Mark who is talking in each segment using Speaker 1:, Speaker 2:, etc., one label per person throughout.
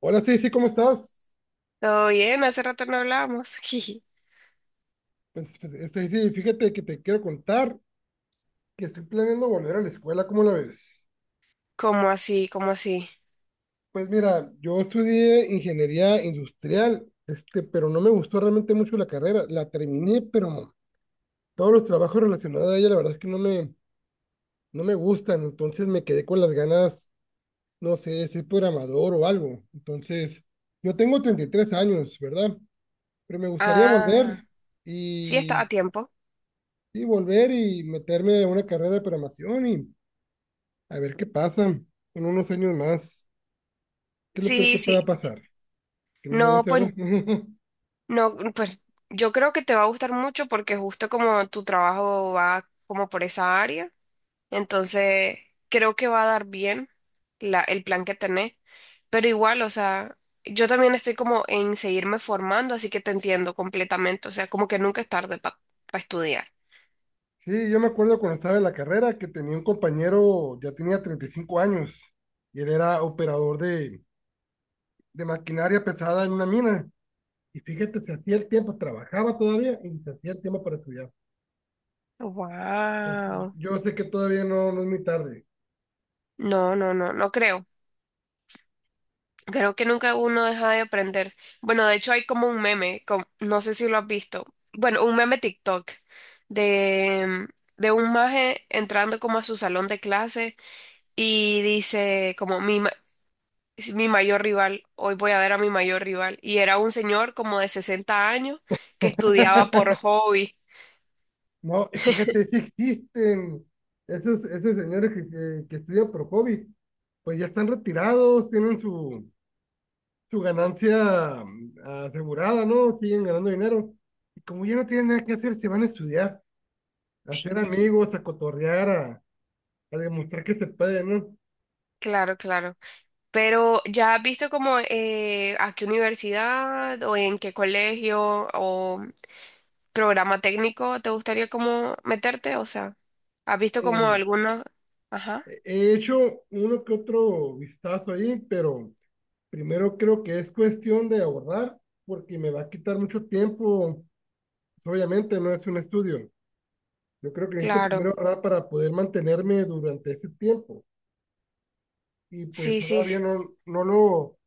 Speaker 1: Hola Stacy, ¿cómo estás?
Speaker 2: Todo bien, hace rato no hablábamos. Jiji.
Speaker 1: Pues, Stacy, fíjate que te quiero contar que estoy planeando volver a la escuela, ¿cómo la ves?
Speaker 2: ¿Cómo así? ¿Cómo así?
Speaker 1: Pues mira, yo estudié ingeniería industrial, pero no me gustó realmente mucho la carrera. La terminé, pero todos los trabajos relacionados a ella, la verdad es que no me gustan. Entonces me quedé con las ganas, no sé, de ser programador o algo. Entonces, yo tengo 33 años, ¿verdad? Pero me gustaría
Speaker 2: Ah,
Speaker 1: volver
Speaker 2: sí está
Speaker 1: y,
Speaker 2: a tiempo.
Speaker 1: y volver y meterme a una carrera de programación y a ver qué pasa en unos años más. ¿Qué es lo peor que
Speaker 2: Sí, sí.
Speaker 1: pueda pasar? Que no me
Speaker 2: No,
Speaker 1: guste, ¿verdad?
Speaker 2: pues, no, pues, yo creo que te va a gustar mucho porque justo como tu trabajo va como por esa área, entonces creo que va a dar bien el plan que tenés. Pero igual, o sea, yo también estoy como en seguirme formando, así que te entiendo completamente. O sea, como que nunca es tarde para estudiar.
Speaker 1: Sí, yo me acuerdo cuando estaba en la carrera que tenía un compañero, ya tenía 35 años, y él era operador de maquinaria pesada en una mina. Y fíjate, se hacía el tiempo, trabajaba todavía y se hacía el tiempo para estudiar. Entonces,
Speaker 2: Wow.
Speaker 1: yo sé que todavía no es muy tarde.
Speaker 2: No, no, no, no creo. Creo que nunca uno deja de aprender. Bueno, de hecho hay como un meme, no sé si lo has visto. Bueno, un meme TikTok de, de un maje entrando como a su salón de clase y dice como mi mayor rival, hoy voy a ver a mi mayor rival. Y era un señor como de 60 años que estudiaba por hobby.
Speaker 1: No, y fíjate, si existen esos señores que estudian por hobby, pues ya están retirados, tienen su ganancia asegurada, ¿no? Siguen ganando dinero. Y como ya no tienen nada que hacer, se van a estudiar, a hacer amigos, a cotorrear, a demostrar que se puede, ¿no?
Speaker 2: Claro, claro. Pero ¿ya has visto como a qué universidad o en qué colegio o programa técnico te gustaría como meterte? O sea, ¿has visto como
Speaker 1: Eh,
Speaker 2: alguna? Ajá,
Speaker 1: He hecho uno que otro vistazo ahí, pero primero creo que es cuestión de abordar, porque me va a quitar mucho tiempo. Obviamente no es un estudio. Yo creo que necesito primero
Speaker 2: claro.
Speaker 1: ahorrar para poder mantenerme durante ese tiempo. Y pues
Speaker 2: Sí, sí, sí.
Speaker 1: todavía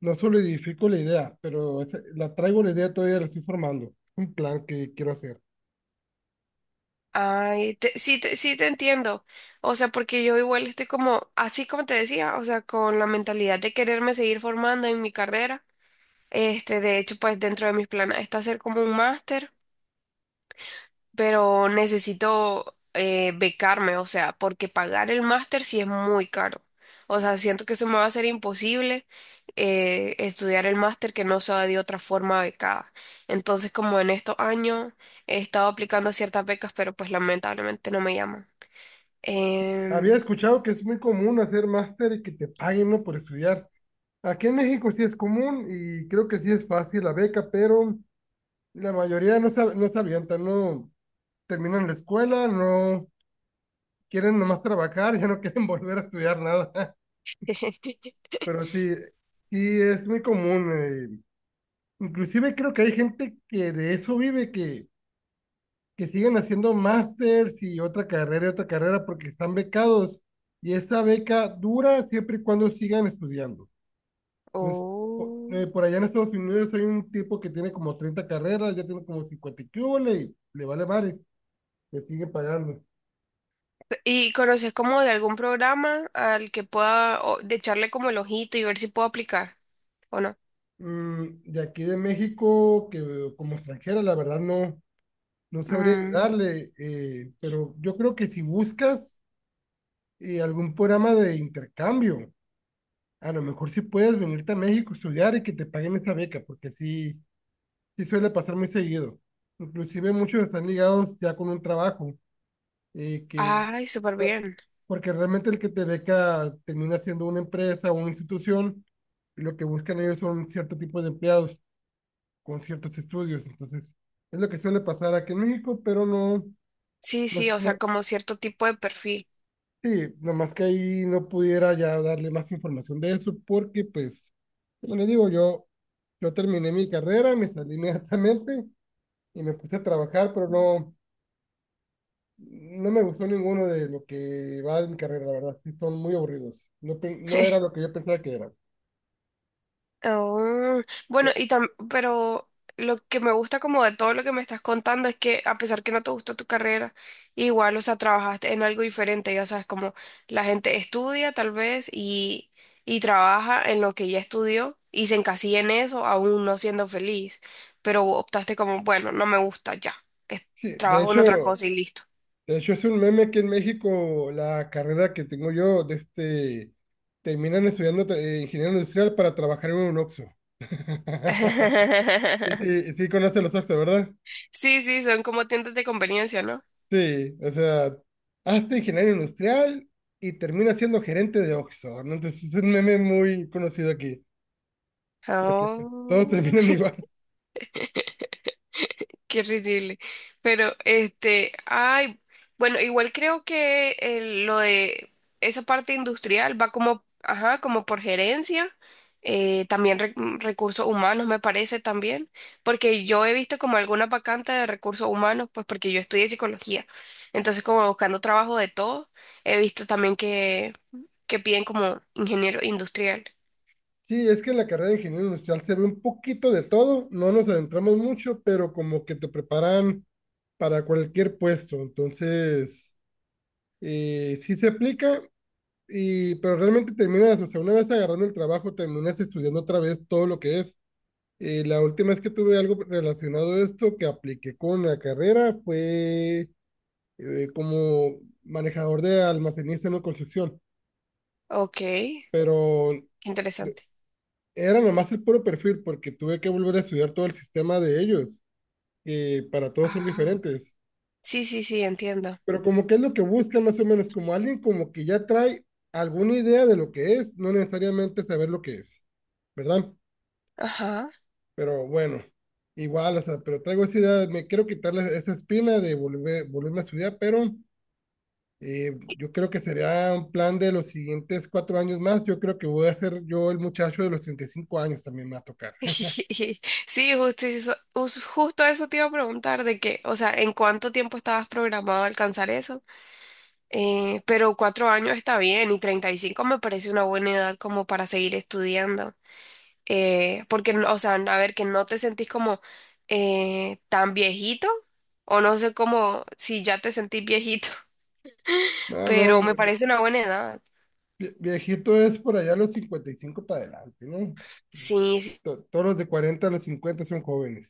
Speaker 1: no solidifico la idea, pero la traigo la idea todavía, la estoy formando. Un plan que quiero hacer.
Speaker 2: Ay, sí te entiendo. O sea, porque yo igual estoy como, así como te decía, o sea, con la mentalidad de quererme seguir formando en mi carrera. Este, de hecho, pues dentro de mis planes está hacer como un máster. Pero necesito becarme, o sea, porque pagar el máster sí es muy caro. O sea, siento que se me va a hacer imposible estudiar el máster que no sea de otra forma becada. Entonces, como en estos años he estado aplicando a ciertas becas, pero pues lamentablemente no me llaman.
Speaker 1: Había
Speaker 2: Em,
Speaker 1: escuchado que es muy común hacer máster y que te paguen, ¿no?, por estudiar. Aquí en México sí es común y creo que sí es fácil la beca, pero la mayoría no se avientan, no terminan la escuela, no quieren nomás trabajar, ya no quieren volver a estudiar nada. Pero sí, sí es muy común. Inclusive creo que hay gente que de eso vive, que siguen haciendo másters y otra carrera porque están becados y esa beca dura siempre y cuando sigan estudiando. Entonces, por allá en Estados Unidos hay un tipo que tiene como 30 carreras, ya tiene como 50 y qué hubole, le vale madre, le sigue pagando.
Speaker 2: ¿Y conoces como de algún programa al que pueda o, de echarle como el ojito y ver si puedo aplicar o no?
Speaker 1: De aquí de México, que como extranjera, la verdad no sabría
Speaker 2: Mm,
Speaker 1: ayudarle, pero yo creo que si buscas algún programa de intercambio, a lo mejor sí puedes venirte a México estudiar y que te paguen esa beca, porque sí, sí suele pasar muy seguido. Inclusive muchos están ligados ya con un trabajo, eh, que,
Speaker 2: ay, súper bien.
Speaker 1: porque realmente el que te beca termina siendo una empresa o una institución, y lo que buscan ellos son cierto tipo de empleados con ciertos estudios. Entonces, es lo que suele pasar aquí en México, pero no,
Speaker 2: Sí,
Speaker 1: no,
Speaker 2: sí, o sea,
Speaker 1: no.
Speaker 2: como cierto tipo de perfil.
Speaker 1: Sí, nomás que ahí no pudiera ya darle más información de eso porque, pues, como les digo, yo terminé mi carrera, me salí inmediatamente y me puse a trabajar, pero no me gustó ninguno de lo que va de mi carrera, la verdad, sí, son muy aburridos. No, no era lo que yo pensaba que era.
Speaker 2: Oh, bueno,
Speaker 1: De-
Speaker 2: pero lo que me gusta como de todo lo que me estás contando es que a pesar que no te gustó tu carrera, igual, o sea, trabajaste en algo diferente, ya sabes, como la gente estudia tal vez y trabaja en lo que ya estudió y se encasilla en eso, aún no siendo feliz, pero optaste como, bueno, no me gusta ya, es-
Speaker 1: sí, de
Speaker 2: trabajo en otra
Speaker 1: hecho,
Speaker 2: cosa y listo.
Speaker 1: de hecho es un meme que en México la carrera que tengo yo, terminan estudiando ingeniero industrial para trabajar en un Oxxo. Sí, sí, sí conoce los Oxxo, ¿verdad?
Speaker 2: Sí, sí, son como tiendas de conveniencia, ¿no?
Speaker 1: Sí, o sea, hazte ingeniero industrial y termina siendo gerente de Oxxo, ¿no? Entonces es un meme muy conocido aquí, porque todos
Speaker 2: Oh,
Speaker 1: terminan igual.
Speaker 2: qué ridículo. Pero este, ay, bueno, igual creo que lo de esa parte industrial va como, ajá, como por gerencia, también recursos humanos me parece también, porque yo he visto como alguna vacante de recursos humanos, pues porque yo estudié psicología, entonces como buscando trabajo de todo, he visto también que piden como ingeniero industrial.
Speaker 1: Sí, es que en la carrera de ingeniero industrial se ve un poquito de todo, no nos adentramos mucho, pero como que te preparan para cualquier puesto, entonces sí se aplica, pero realmente terminas, o sea, una vez agarrando el trabajo, terminas estudiando otra vez todo lo que es. La última vez que tuve algo relacionado a esto que apliqué con la carrera fue como manejador de almacenista en una construcción,
Speaker 2: Ok, qué
Speaker 1: pero de-
Speaker 2: interesante.
Speaker 1: era nomás el puro perfil porque tuve que volver a estudiar todo el sistema de ellos, que para todos son
Speaker 2: Ah.
Speaker 1: diferentes.
Speaker 2: Sí, sí, sí, entiendo.
Speaker 1: Pero como que es lo que buscan más o menos, como alguien como que ya trae alguna idea de lo que es, no necesariamente saber lo que es, ¿verdad?
Speaker 2: Ajá.
Speaker 1: Pero bueno, igual, o sea, pero traigo esa idea, me quiero quitarle esa espina de volver, volverme a estudiar, pero yo creo que sería un plan de los siguientes 4 años más. Yo creo que voy a ser yo el muchacho de los 35 años también me va a tocar.
Speaker 2: Sí, justo eso te iba a preguntar de que, o sea, ¿en cuánto tiempo estabas programado a alcanzar eso? Pero 4 años está bien y 35 me parece una buena edad como para seguir estudiando. Porque, o sea, a ver, que no te sentís como tan viejito o no sé cómo, si ya te sentís viejito,
Speaker 1: No,
Speaker 2: pero
Speaker 1: no,
Speaker 2: me parece una buena edad.
Speaker 1: viejito es por allá los 55 para adelante, ¿no?
Speaker 2: Sí, sí,
Speaker 1: Todos los de 40 a los 50 son jóvenes.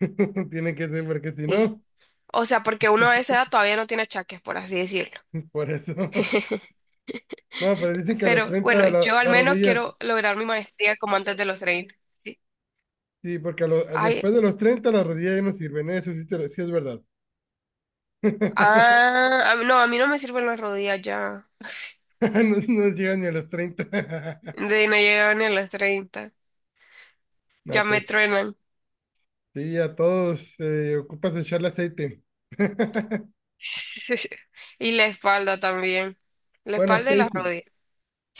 Speaker 1: Tienen que ser, porque si
Speaker 2: sí.
Speaker 1: no,
Speaker 2: O sea, porque uno a esa edad todavía no tiene achaques, por así decirlo.
Speaker 1: por eso. No, pero dicen que a los
Speaker 2: Pero bueno,
Speaker 1: 30
Speaker 2: yo al
Speaker 1: las
Speaker 2: menos
Speaker 1: rodillas.
Speaker 2: quiero lograr mi maestría como antes de los 30. Sí.
Speaker 1: Sí, porque después
Speaker 2: Ay,
Speaker 1: de los 30 la rodilla ya no sirven, eso sí, sí es verdad.
Speaker 2: ah, no, a mí no me sirven las rodillas ya.
Speaker 1: No, no llegan ni a los 30.
Speaker 2: De no llegar ni a los 30. Ya
Speaker 1: No,
Speaker 2: me
Speaker 1: pues
Speaker 2: truenan.
Speaker 1: sí, a todos ocupas echarle aceite.
Speaker 2: Y la espalda también. La
Speaker 1: Bueno,
Speaker 2: espalda y las
Speaker 1: Stacy,
Speaker 2: rodillas.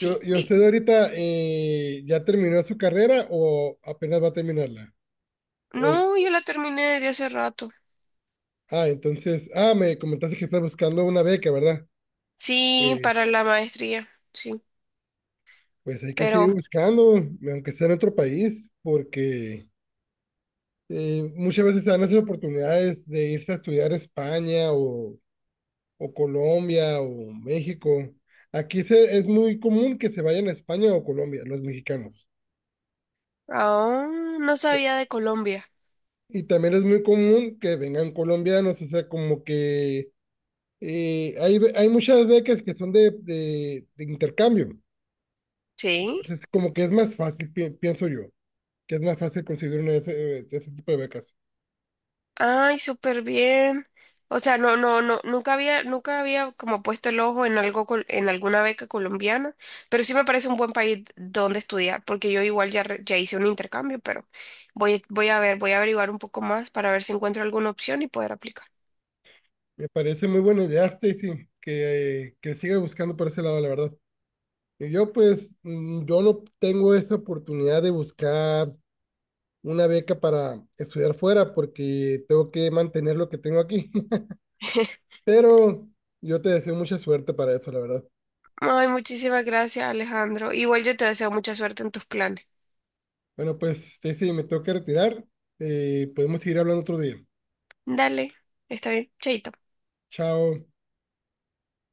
Speaker 1: ¿y
Speaker 2: dime.
Speaker 1: usted ahorita ya terminó su carrera o apenas va a terminarla? O-
Speaker 2: No, yo la terminé desde hace rato.
Speaker 1: entonces, me comentaste que estás buscando una beca, ¿verdad?
Speaker 2: Sí, para
Speaker 1: Pues,
Speaker 2: la maestría. Sí.
Speaker 1: pues, hay que seguir
Speaker 2: Pero
Speaker 1: buscando, aunque sea en otro país. Porque... Muchas veces se dan esas oportunidades de irse a estudiar a España o Colombia o México. Aquí es muy común que se vayan a España o Colombia, los mexicanos.
Speaker 2: aún no sabía de Colombia.
Speaker 1: Y también es muy común que vengan colombianos, o sea, como que hay muchas becas que son de intercambio.
Speaker 2: Sí.
Speaker 1: Entonces, como que es más fácil, pienso yo, que es más fácil conseguir una de ese, tipo de becas.
Speaker 2: Ay, súper bien. O sea, no, no, no, nunca había como puesto el ojo en algo, en alguna beca colombiana, pero sí me parece un buen país donde estudiar, porque yo igual ya hice un intercambio, pero voy a ver, voy a averiguar un poco más para ver si encuentro alguna opción y poder aplicar.
Speaker 1: Me parece muy buena idea, Stacy, que siga buscando por ese lado, la verdad. Y yo pues, yo no tengo esa oportunidad de buscar una beca para estudiar fuera porque tengo que mantener lo que tengo aquí. Pero yo te deseo mucha suerte para eso, la verdad.
Speaker 2: Ay, muchísimas gracias, Alejandro. Igual yo te deseo mucha suerte en tus planes.
Speaker 1: Bueno, pues, Stacy, me tengo que retirar. Podemos seguir hablando otro día.
Speaker 2: Dale, está bien, chaito.
Speaker 1: Chao.